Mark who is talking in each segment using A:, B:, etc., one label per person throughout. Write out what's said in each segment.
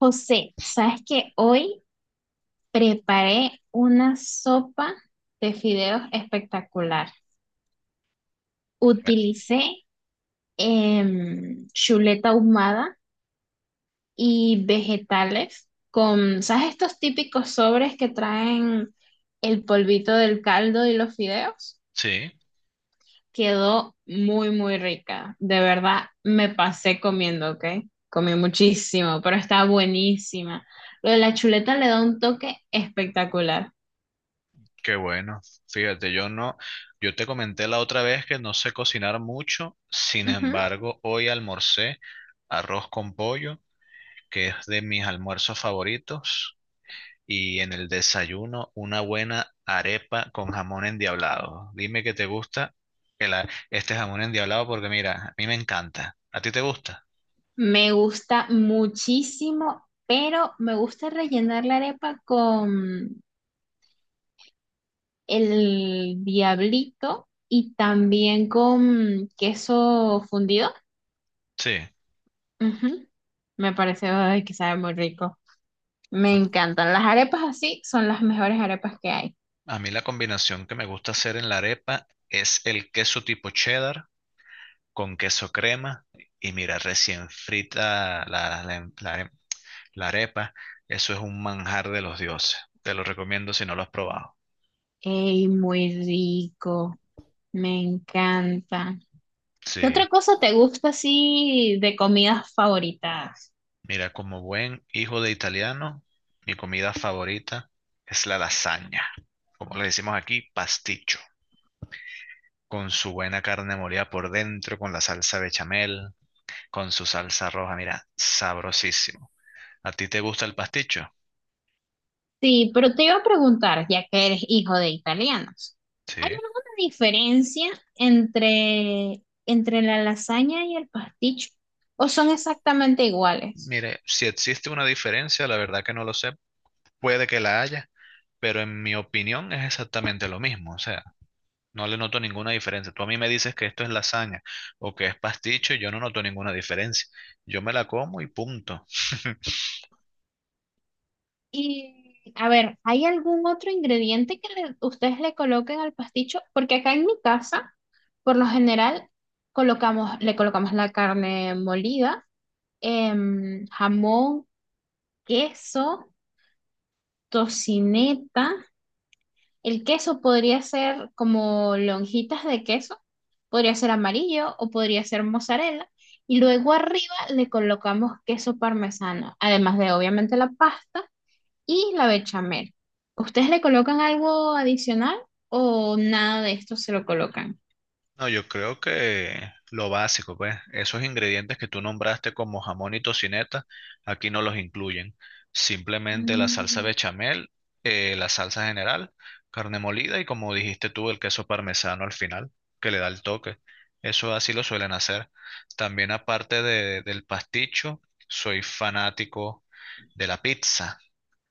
A: José, ¿sabes que hoy preparé una sopa de fideos espectacular?
B: Eh,
A: Utilicé chuleta ahumada y vegetales con, ¿sabes estos típicos sobres que traen el polvito del caldo y los fideos?
B: Sí,
A: Quedó muy, muy rica. De verdad, me pasé comiendo, ¿ok? Comí muchísimo, pero está buenísima. Lo de la chuleta le da un toque espectacular.
B: qué bueno. Fíjate, yo no, yo te comenté la otra vez que no sé cocinar mucho, sin
A: Ujú.
B: embargo, hoy almorcé arroz con pollo, que es de mis almuerzos favoritos, y en el desayuno una buena arepa con jamón endiablado. Dime que te gusta este jamón endiablado porque mira, a mí me encanta. ¿A ti te gusta?
A: Me gusta muchísimo, pero me gusta rellenar la arepa con el diablito y también con queso fundido.
B: Sí.
A: Ujú. Me parece ay, que sabe muy rico. Me
B: A
A: encantan. Las arepas así son las mejores arepas que hay.
B: a mí la combinación que me gusta hacer en la arepa es el queso tipo cheddar con queso crema y mira, recién frita la arepa. Eso es un manjar de los dioses. Te lo recomiendo si no lo has probado.
A: ¡Ey, muy rico! Me encanta. ¿Qué otra
B: Sí,
A: cosa te gusta así de comidas favoritas?
B: mira, como buen hijo de italiano, mi comida favorita es la lasaña, como le decimos aquí, pasticho, con su buena carne molida por dentro, con la salsa bechamel, con su salsa roja, mira, sabrosísimo. ¿A ti te gusta el pasticho?
A: Sí, pero te iba a preguntar, ya que eres hijo de italianos, ¿hay
B: Sí.
A: alguna diferencia entre la lasaña y el pasticho? ¿O son exactamente iguales?
B: Mire, si existe una diferencia, la verdad que no lo sé, puede que la haya, pero en mi opinión es exactamente lo mismo, o sea, no le noto ninguna diferencia. Tú a mí me dices que esto es lasaña o que es pasticho y yo no noto ninguna diferencia. Yo me la como y punto.
A: Y a ver, ¿hay algún otro ingrediente que ustedes le coloquen al pasticho? Porque acá en mi casa, por lo general, le colocamos la carne molida, jamón, queso, tocineta. El queso podría ser como lonjitas de queso, podría ser amarillo o podría ser mozzarella. Y luego arriba le colocamos queso parmesano, además de obviamente la pasta y la bechamel. ¿Ustedes le colocan algo adicional o nada de esto se lo colocan?
B: No, yo creo que lo básico, pues, esos ingredientes que tú nombraste como jamón y tocineta, aquí no los incluyen. Simplemente la salsa
A: Mm.
B: bechamel, la salsa general, carne molida y como dijiste tú, el queso parmesano al final, que le da el toque. Eso así lo suelen hacer. También del pasticho, soy fanático de la pizza,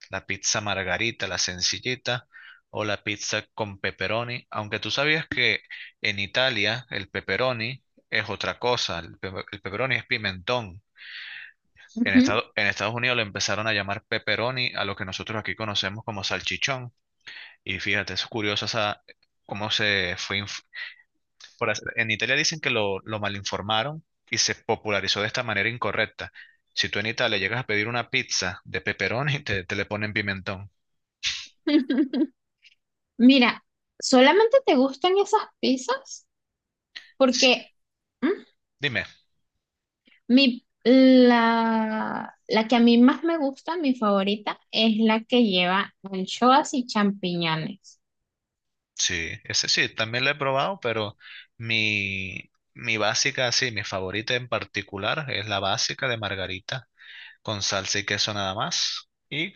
B: la pizza margarita, la sencillita, o la pizza con pepperoni, aunque tú sabías que en Italia el pepperoni es otra cosa, el pepperoni es pimentón. En
A: Ujú.
B: Estado- en Estados Unidos le empezaron a llamar pepperoni a lo que nosotros aquí conocemos como salchichón. Y fíjate, es curioso esa, cómo se fue en Italia dicen que lo malinformaron y se popularizó de esta manera incorrecta. Si tú en Italia llegas a pedir una pizza de pepperoni, te le ponen pimentón.
A: Mira, ¿solamente te gustan esas pizzas?
B: S-
A: Porque... mm,
B: Dime,
A: La que a mí más me gusta, mi favorita, es la que lleva anchoas y champiñones.
B: sí, ese sí, también lo he probado, pero mi básica, sí, mi favorita en particular es la básica de margarita, con salsa y queso nada más. Y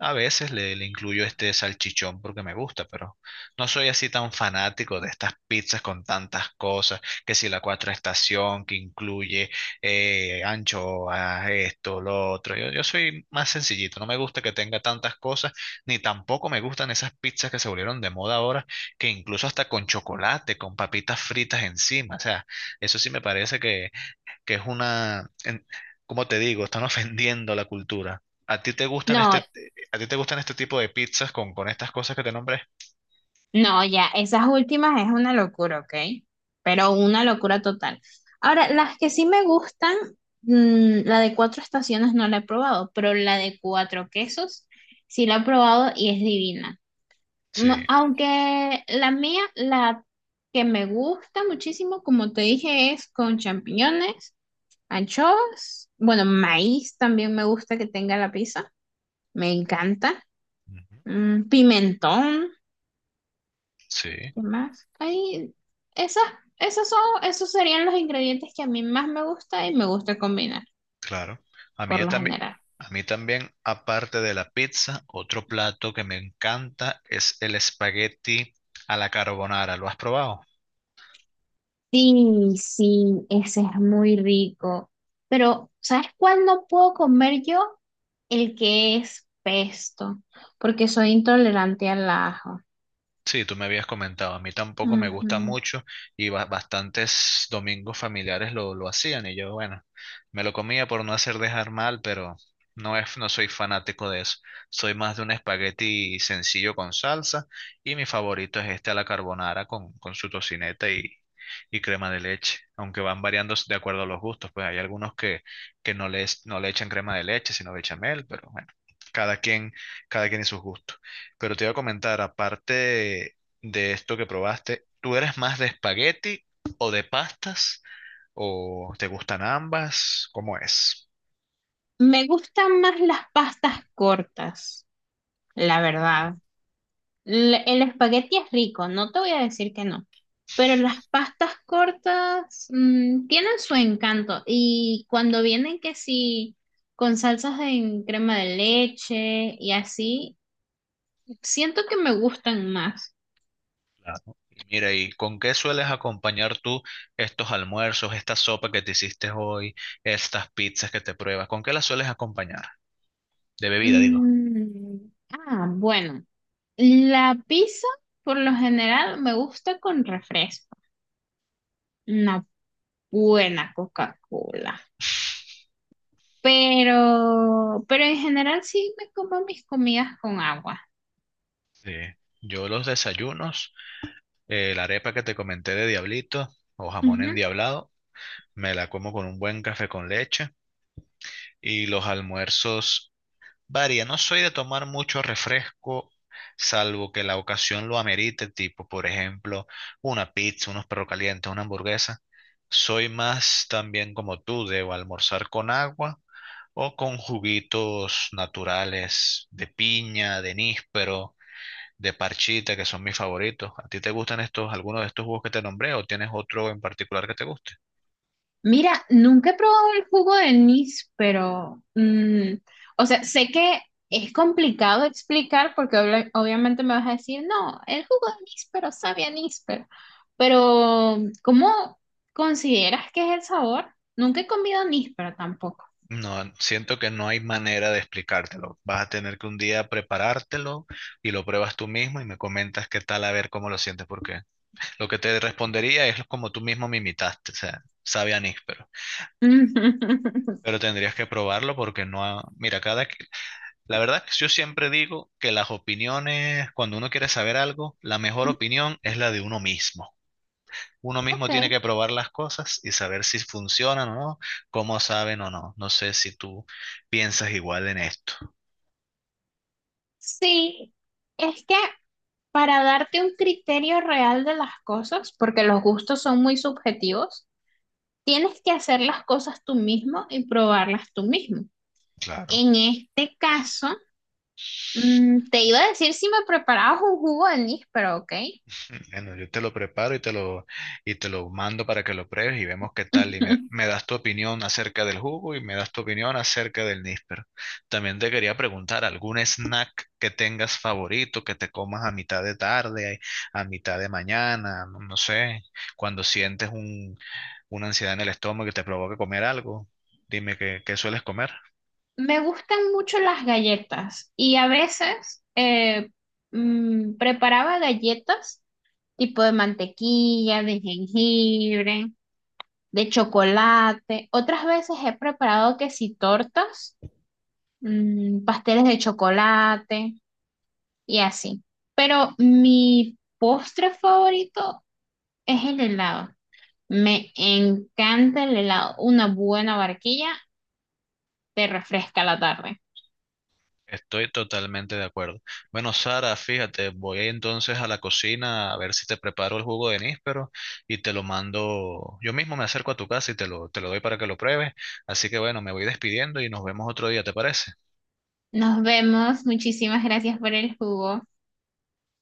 B: a veces le incluyo este salchichón porque me gusta, pero no soy así tan fanático de estas pizzas con tantas cosas, que si la cuatro estación que incluye anchoas, esto, lo otro. Yo soy más sencillito, no me gusta que tenga tantas cosas, ni tampoco me gustan esas pizzas que se volvieron de moda ahora, que incluso hasta con chocolate, con papitas fritas encima. O sea, eso sí me parece que es una, como te digo, están ofendiendo la cultura. ¿A ti te gustan
A: No,
B: este tipo de pizzas con estas cosas que te nombré?
A: no, ya, esas últimas es una locura, ¿ok? Pero una locura total. Ahora, las que sí me gustan, la de cuatro estaciones no la he probado, pero la de cuatro quesos sí la he probado y es divina.
B: Sí,
A: Aunque la mía, la que me gusta muchísimo, como te dije, es con champiñones. Anchoas, bueno, maíz también me gusta que tenga la pizza, me encanta.
B: ujú,
A: Pimentón,
B: sí,
A: ¿qué más? Esas, esos son, esos serían los ingredientes que a mí más me gusta y me gusta combinar,
B: claro. A
A: por
B: mí
A: lo
B: también,
A: general.
B: a mí también, aparte de la pizza, otro plato que me encanta es el espagueti a la carbonara. ¿Lo has probado?
A: Sí, sí, ese es muy rico. Pero, ¿sabes cuál no puedo comer yo? El que es pesto, porque soy intolerante al ajo.
B: Sí, tú me habías comentado, a mí tampoco me gusta
A: Ujú.
B: mucho y bastantes domingos familiares lo hacían y yo, bueno, me lo comía por no hacer dejar mal, pero no soy fanático de eso. Soy más de un espagueti sencillo con salsa y mi favorito es este a la carbonara con su tocineta y crema de leche, aunque van variando de acuerdo a los gustos, pues hay algunos que no les, no le echan crema de leche, sino bechamel, pero bueno, cada quien, cada quien y sus gustos. Pero te iba a comentar, aparte de, esto que probaste, ¿tú eres más de espagueti o de pastas? ¿O te gustan ambas? ¿Cómo es?
A: Me gustan más las pastas cortas, la verdad. El espagueti es rico, no te voy a decir que no, pero las pastas cortas tienen su encanto y cuando vienen que sí, con salsas en crema de leche y así, siento que me gustan más.
B: Claro. Y mira, ¿y con qué sueles acompañar tú estos almuerzos, esta sopa que te hiciste hoy, estas pizzas que te pruebas? ¿Con qué las sueles acompañar? De bebida, digo.
A: Mm, bueno, la pizza por lo general me gusta con refresco, una buena Coca-Cola. Pero en general sí me como mis comidas con agua.
B: Sí, yo los desayunos, la arepa que te comenté de diablito o jamón
A: Ujú.
B: endiablado, me la como con un buen café con leche y los almuerzos varía, no soy de tomar mucho refresco, salvo que la ocasión lo amerite, tipo, por ejemplo, una pizza, unos perros calientes, una hamburguesa. Soy más también como tú, debo almorzar con agua o con juguitos naturales de piña, de níspero, de parchita, que son mis favoritos. ¿A ti te gustan estos, algunos de estos jugos que te nombré o tienes otro en particular que te guste?
A: Mira, nunca he probado el jugo de anís, pero, o sea, sé que es complicado explicar porque obviamente me vas a decir, no, el jugo de anís, pero sabe a anís, pero, ¿cómo consideras que es el sabor? Nunca he comido anís, pero tampoco.
B: No, siento que no hay manera de explicártelo. Vas a tener que un día preparártelo y lo pruebas tú mismo y me comentas qué tal, a ver cómo lo sientes, porque lo que te respondería es como tú mismo me imitaste, o sea, sabe a níspero. Pero tendrías que probarlo porque no, mira, la verdad es que yo siempre digo que las opiniones, cuando uno quiere saber algo, la mejor opinión es la de uno mismo. Uno mismo
A: Ok,
B: tiene que probar las cosas y saber si funcionan o no, cómo saben o no. No sé si tú piensas igual en esto.
A: sí, es que para darte un criterio real de las cosas, porque los gustos son muy subjetivos, tienes que hacer las cosas tú mismo y probarlas tú mismo.
B: Claro.
A: En este caso, te iba a decir si me preparabas un jugo de anís, pero ok.
B: Bueno, yo te lo preparo y y te lo mando para que lo pruebes y vemos qué tal. Y me das tu opinión acerca del jugo y me das tu opinión acerca del níspero. También te quería preguntar, ¿algún snack que tengas favorito, que te comas a mitad de tarde, a mitad de mañana, no sé, cuando sientes una ansiedad en el estómago que te provoca comer algo? Dime qué sueles comer.
A: Me gustan mucho las galletas y a veces preparaba galletas tipo de mantequilla, de jengibre, de chocolate. Otras veces he preparado que si tortas, pasteles de chocolate y así. Pero mi postre favorito es el helado. Me encanta el helado. Una buena barquilla te refresca la tarde.
B: Estoy totalmente de acuerdo. Bueno, Sara, fíjate, voy entonces a la cocina a ver si te preparo el jugo de níspero y te lo mando. Yo mismo me acerco a tu casa y te lo doy para que lo pruebes. Así que bueno, me voy despidiendo y nos vemos otro día, ¿te parece?
A: Nos vemos. Muchísimas gracias por el jugo.